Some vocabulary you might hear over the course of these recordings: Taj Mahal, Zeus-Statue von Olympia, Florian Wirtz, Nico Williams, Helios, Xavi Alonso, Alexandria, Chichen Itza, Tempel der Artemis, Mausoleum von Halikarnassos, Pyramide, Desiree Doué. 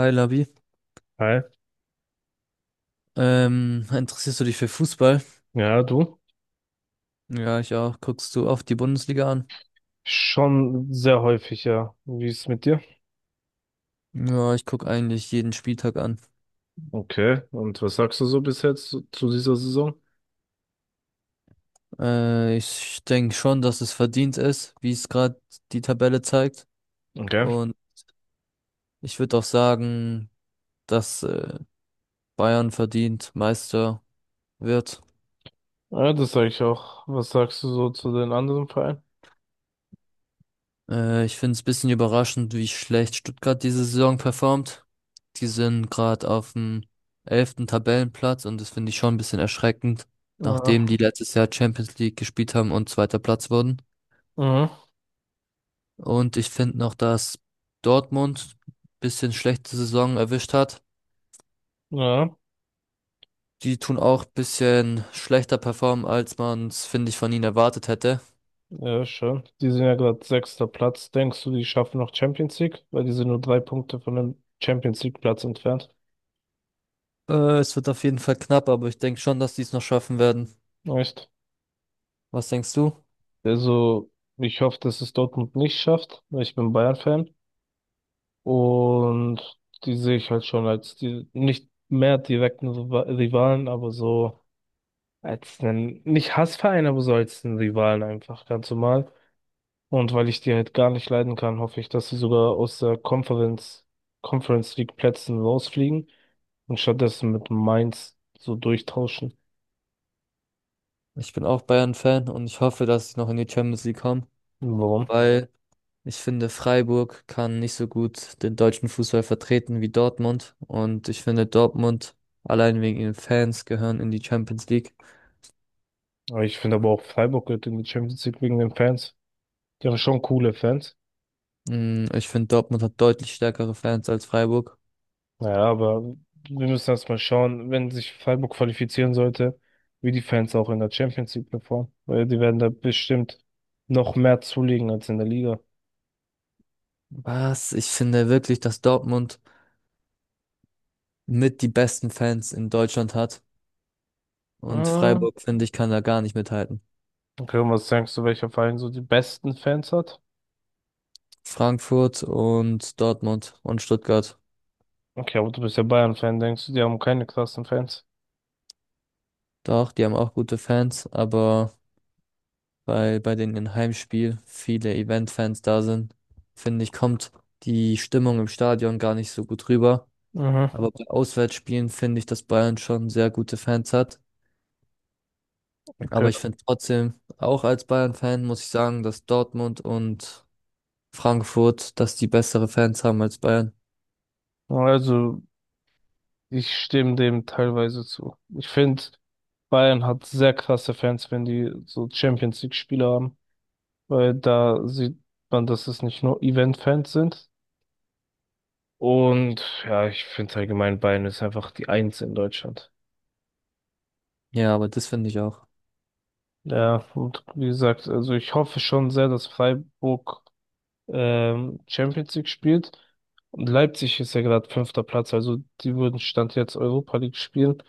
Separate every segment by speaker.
Speaker 1: Hi Labi,
Speaker 2: Hi.
Speaker 1: interessierst du dich für Fußball?
Speaker 2: Ja, du?
Speaker 1: Ja, ich auch. Guckst du oft die Bundesliga an?
Speaker 2: Schon sehr häufig, ja. Wie ist es mit dir?
Speaker 1: Ja, ich guck eigentlich jeden Spieltag an.
Speaker 2: Okay. Und was sagst du so bis jetzt zu dieser Saison?
Speaker 1: Ich denke schon, dass es verdient ist, wie es gerade die Tabelle zeigt.
Speaker 2: Okay.
Speaker 1: Und ich würde auch sagen, dass Bayern verdient Meister wird.
Speaker 2: Ja, das sage ich auch. Was sagst du so zu den anderen Vereinen?
Speaker 1: Ich finde es ein bisschen überraschend, wie schlecht Stuttgart diese Saison performt. Die sind gerade auf dem 11. Tabellenplatz und das finde ich schon ein bisschen erschreckend, nachdem die
Speaker 2: Ja.
Speaker 1: letztes Jahr Champions League gespielt haben und zweiter Platz wurden.
Speaker 2: Mhm.
Speaker 1: Und ich finde noch, dass Dortmund ein bisschen schlechte Saison erwischt hat.
Speaker 2: Ja.
Speaker 1: Die tun auch ein bisschen schlechter performen, als man es, finde ich, von ihnen erwartet hätte.
Speaker 2: Ja, schön. Die sind ja gerade sechster Platz. Denkst du, die schaffen noch Champions League? Weil die sind nur drei Punkte von dem Champions League Platz entfernt.
Speaker 1: Es wird auf jeden Fall knapp, aber ich denke schon, dass die es noch schaffen werden.
Speaker 2: Echt?
Speaker 1: Was denkst du?
Speaker 2: Also, ich hoffe, dass es Dortmund nicht schafft, weil ich bin Bayern-Fan. Und die sehe ich halt schon als die, nicht mehr direkten Rivalen, aber so als einen, nicht Hassverein, aber so als einen Rivalen einfach, ganz normal. Und weil ich die halt gar nicht leiden kann, hoffe ich, dass sie sogar aus der Conference League Plätzen rausfliegen und stattdessen mit Mainz so durchtauschen.
Speaker 1: Ich bin auch Bayern-Fan und ich hoffe, dass sie noch in die Champions League kommen,
Speaker 2: Warum?
Speaker 1: weil ich finde, Freiburg kann nicht so gut den deutschen Fußball vertreten wie Dortmund. Und ich finde, Dortmund allein wegen ihren Fans gehören in die Champions League.
Speaker 2: Aber ich finde aber auch Freiburg gehört in die Champions League wegen den Fans. Die haben schon coole Fans.
Speaker 1: Ich finde, Dortmund hat deutlich stärkere Fans als Freiburg.
Speaker 2: Naja, aber wir müssen erstmal schauen, wenn sich Freiburg qualifizieren sollte, wie die Fans auch in der Champions League performen. Weil die werden da bestimmt noch mehr zulegen als in der Liga.
Speaker 1: Was? Ich finde wirklich, dass Dortmund mit die besten Fans in Deutschland hat. Und
Speaker 2: Mhm.
Speaker 1: Freiburg, finde ich, kann da gar nicht mithalten.
Speaker 2: Okay, und was denkst du, welcher Verein so die besten Fans hat?
Speaker 1: Frankfurt und Dortmund und Stuttgart.
Speaker 2: Okay, aber du bist ja Bayern-Fan, denkst du, die haben keine krassen Fans?
Speaker 1: Doch, die haben auch gute Fans, aber weil bei den Heimspiel viele Event-Fans da sind, finde ich, kommt die Stimmung im Stadion gar nicht so gut rüber.
Speaker 2: Mhm.
Speaker 1: Aber bei Auswärtsspielen finde ich, dass Bayern schon sehr gute Fans hat. Aber
Speaker 2: Okay.
Speaker 1: ich finde trotzdem, auch als Bayern-Fan muss ich sagen, dass Dortmund und Frankfurt, dass die bessere Fans haben als Bayern.
Speaker 2: Also, ich stimme dem teilweise zu. Ich finde, Bayern hat sehr krasse Fans, wenn die so Champions League-Spiele haben, weil da sieht man, dass es nicht nur Event-Fans sind. Und ja, ich finde allgemein Bayern ist einfach die Eins in Deutschland.
Speaker 1: Ja, aber das finde ich auch.
Speaker 2: Ja, und wie gesagt, also ich hoffe schon sehr, dass Freiburg Champions League spielt. Und Leipzig ist ja gerade fünfter Platz, also die würden Stand jetzt Europa League spielen.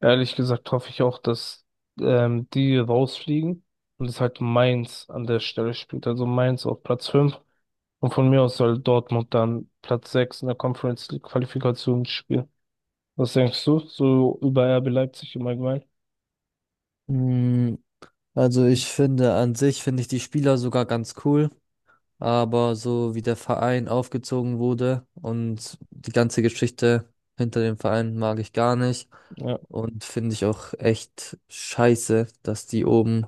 Speaker 2: Ehrlich gesagt hoffe ich auch, dass die rausfliegen und es halt Mainz an der Stelle spielt. Also Mainz auf Platz fünf und von mir aus soll Dortmund dann Platz sechs in der Conference League Qualifikation spielen. Was denkst du so über RB Leipzig im Allgemeinen?
Speaker 1: Mm, Also ich finde an sich, finde ich die Spieler sogar ganz cool. Aber so wie der Verein aufgezogen wurde und die ganze Geschichte hinter dem Verein mag ich gar nicht.
Speaker 2: Ja.
Speaker 1: Und finde ich auch echt scheiße, dass die oben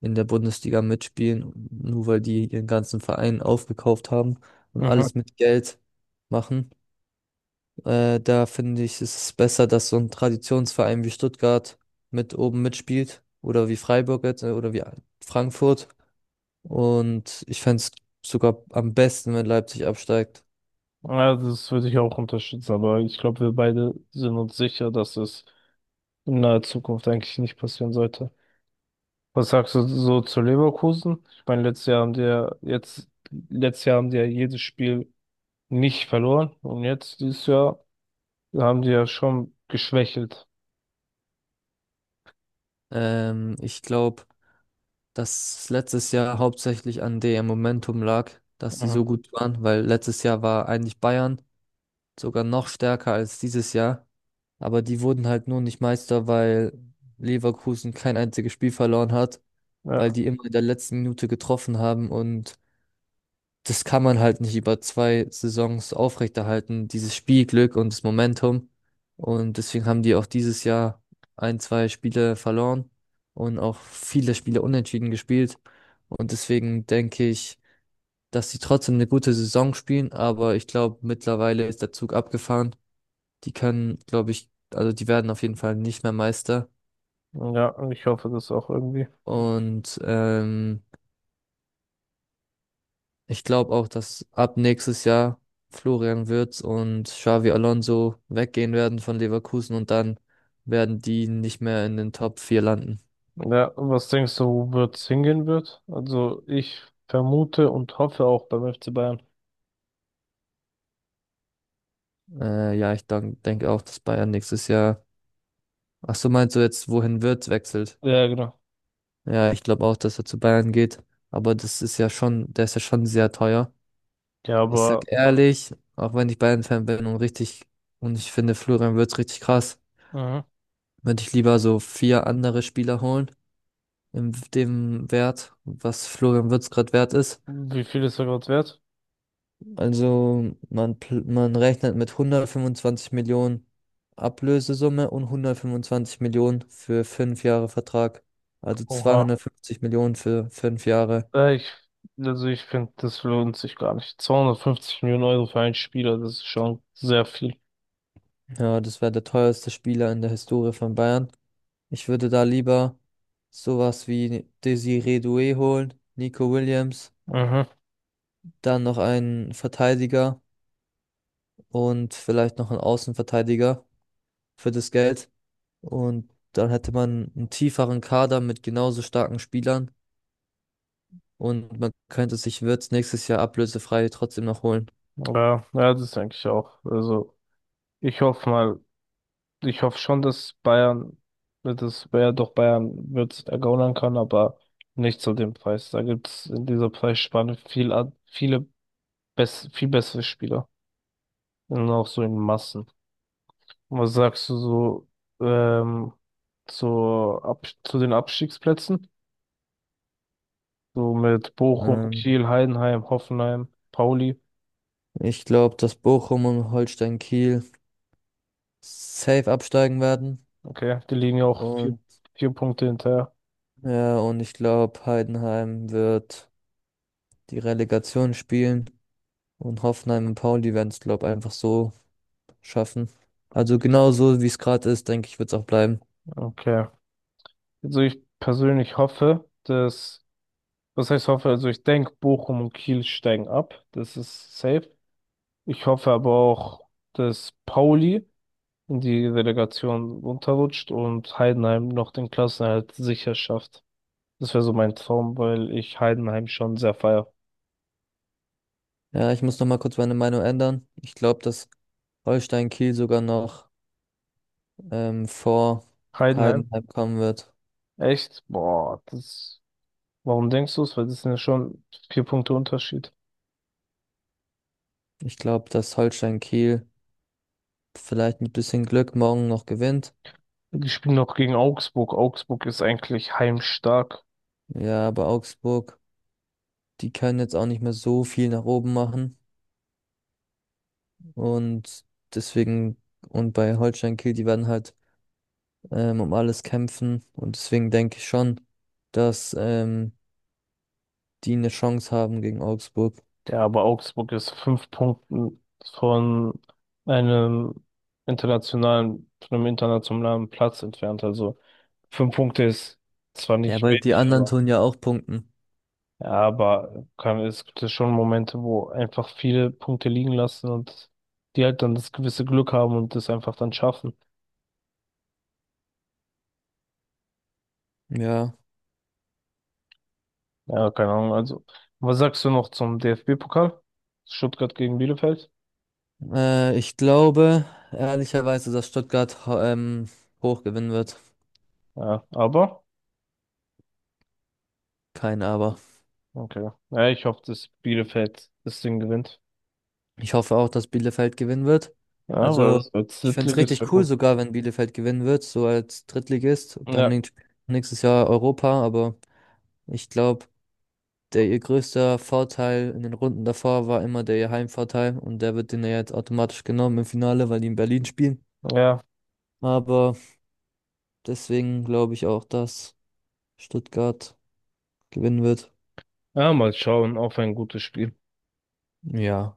Speaker 1: in der Bundesliga mitspielen, nur weil die ihren ganzen Verein aufgekauft haben und
Speaker 2: Mhm.
Speaker 1: alles mit Geld machen. Da finde ich, ist es besser, dass so ein Traditionsverein wie Stuttgart mit oben mitspielt oder wie Freiburg jetzt oder wie Frankfurt. Und ich fände es sogar am besten, wenn Leipzig absteigt.
Speaker 2: Ja, das würde ich auch unterstützen, aber ich glaube, wir beide sind uns sicher, dass es in naher Zukunft eigentlich nicht passieren sollte. Was sagst du so zu Leverkusen? Ich meine, letztes Jahr haben die ja jedes Spiel nicht verloren und jetzt dieses Jahr haben die ja schon geschwächelt.
Speaker 1: Ich glaube, dass letztes Jahr hauptsächlich an dem Momentum lag, dass sie
Speaker 2: Mhm.
Speaker 1: so gut waren, weil letztes Jahr war eigentlich Bayern sogar noch stärker als dieses Jahr. Aber die wurden halt nur nicht Meister, weil Leverkusen kein einziges Spiel verloren hat, weil
Speaker 2: Ja,
Speaker 1: die immer in der letzten Minute getroffen haben und das kann man halt nicht über 2 Saisons aufrechterhalten, dieses Spielglück und das Momentum. Und deswegen haben die auch dieses Jahr ein, zwei Spiele verloren und auch viele Spiele unentschieden gespielt. Und deswegen denke ich, dass sie trotzdem eine gute Saison spielen, aber ich glaube, mittlerweile ist der Zug abgefahren. Die können, glaube ich, also die werden auf jeden Fall nicht mehr Meister.
Speaker 2: ja, und ich hoffe, das auch irgendwie.
Speaker 1: Und ich glaube auch, dass ab nächstes Jahr Florian Wirtz und Xavi Alonso weggehen werden von Leverkusen und dann werden die nicht mehr in den Top 4 landen.
Speaker 2: Ja, was denkst du, wo wird's hingehen wird? Also ich vermute und hoffe auch beim FC Bayern.
Speaker 1: Ja, denke auch, dass Bayern nächstes Jahr. Ach so, meinst du jetzt, wohin Wirtz wechselt?
Speaker 2: Ja, genau.
Speaker 1: Ja, ich glaube auch, dass er zu Bayern geht. Aber das ist ja schon, der ist ja schon sehr teuer.
Speaker 2: Ja,
Speaker 1: Ich
Speaker 2: aber
Speaker 1: sag ehrlich, auch wenn ich Bayern-Fan bin und richtig, und ich finde Florian Wirtz richtig krass,
Speaker 2: mhm.
Speaker 1: würde ich lieber so vier andere Spieler holen in dem Wert, was Florian Wirtz gerade wert ist.
Speaker 2: Wie viel ist er gerade wert?
Speaker 1: Also man, man rechnet mit 125 Millionen Ablösesumme und 125 Millionen für 5 Jahre Vertrag. Also
Speaker 2: Oha.
Speaker 1: 250 Millionen für fünf Jahre.
Speaker 2: Äh, ich, also ich finde, das lohnt sich gar nicht. 250 Millionen Euro für einen Spieler, das ist schon sehr viel.
Speaker 1: Ja, das wäre der teuerste Spieler in der Historie von Bayern. Ich würde da lieber sowas wie Desiree Doué holen, Nico Williams,
Speaker 2: Mhm.
Speaker 1: dann noch einen Verteidiger und vielleicht noch einen Außenverteidiger für das Geld. Und dann hätte man einen tieferen Kader mit genauso starken Spielern und man könnte sich Wirtz nächstes Jahr ablösefrei trotzdem noch holen.
Speaker 2: Ja, ja, das denke ich auch. Ich hoffe mal, Ich hoffe schon, dass Bayern, dass wer doch Bayern wird ergaunern kann, aber nicht zu dem Preis. Da gibt es in dieser Preisspanne viel bessere Spieler. Und auch so in Massen. Was sagst du so ähm, zur Ab zu den Abstiegsplätzen? So mit Bochum,
Speaker 1: Ähm,
Speaker 2: Kiel, Heidenheim, Hoffenheim, Pauli.
Speaker 1: Ich glaube, dass Bochum und Holstein Kiel safe absteigen werden.
Speaker 2: Okay, die liegen ja auch vier,
Speaker 1: Und
Speaker 2: vier Punkte hinterher.
Speaker 1: ja, und ich glaube, Heidenheim wird die Relegation spielen und Hoffenheim und Pauli werden es, glaube ich, einfach so schaffen. Also genau so, wie es gerade ist, denke ich, wird es auch bleiben.
Speaker 2: Okay. Also ich persönlich hoffe, dass Was heißt hoffe? Also ich denke, Bochum und Kiel steigen ab. Das ist safe. Ich hoffe aber auch, dass Pauli in die Relegation runterrutscht und Heidenheim noch den Klassenerhalt sicher schafft. Das wäre so mein Traum, weil ich Heidenheim schon sehr feier.
Speaker 1: Ja, ich muss noch mal kurz meine Meinung ändern. Ich glaube, dass Holstein Kiel sogar noch vor
Speaker 2: Heidenheim?
Speaker 1: Heidenheim kommen wird.
Speaker 2: Echt? Boah, das. Warum denkst du es? Weil das sind ja schon vier Punkte Unterschied.
Speaker 1: Ich glaube, dass Holstein Kiel vielleicht mit bisschen Glück morgen noch gewinnt.
Speaker 2: Die spielen noch gegen Augsburg. Augsburg ist eigentlich heimstark.
Speaker 1: Ja, aber Augsburg, die können jetzt auch nicht mehr so viel nach oben machen. Und deswegen, und bei Holstein Kiel, die werden halt um alles kämpfen. Und deswegen denke ich schon, dass die eine Chance haben gegen Augsburg.
Speaker 2: Ja, aber Augsburg ist fünf Punkten von einem von einem internationalen Platz entfernt. Also fünf Punkte ist zwar
Speaker 1: Ja,
Speaker 2: nicht
Speaker 1: weil die
Speaker 2: wenig,
Speaker 1: anderen
Speaker 2: aber
Speaker 1: tun ja auch punkten.
Speaker 2: ja, es gibt ja schon Momente, wo einfach viele Punkte liegen lassen und die halt dann das gewisse Glück haben und das einfach dann schaffen.
Speaker 1: Ja,
Speaker 2: Ja, keine Ahnung. Also, was sagst du noch zum DFB-Pokal? Stuttgart gegen Bielefeld?
Speaker 1: ich glaube ehrlicherweise, dass Stuttgart hoch gewinnen wird.
Speaker 2: Ja, aber
Speaker 1: Kein Aber.
Speaker 2: okay. Ja, ich hoffe, dass Bielefeld das Ding gewinnt.
Speaker 1: Ich hoffe auch, dass Bielefeld gewinnen wird.
Speaker 2: Ja, weil
Speaker 1: Also,
Speaker 2: das als
Speaker 1: ich finde es
Speaker 2: Drittligist wäre
Speaker 1: richtig cool,
Speaker 2: gut.
Speaker 1: sogar wenn Bielefeld gewinnen wird, so als Drittligist. Dann
Speaker 2: Ja,
Speaker 1: nächstes Jahr Europa, aber ich glaube, der ihr größter Vorteil in den Runden davor war immer der ihr Heimvorteil und der wird denen ja jetzt automatisch genommen im Finale, weil die in Berlin spielen.
Speaker 2: ja.
Speaker 1: Aber deswegen glaube ich auch, dass Stuttgart gewinnen wird.
Speaker 2: Ja, mal schauen auf ein gutes Spiel.
Speaker 1: Ja.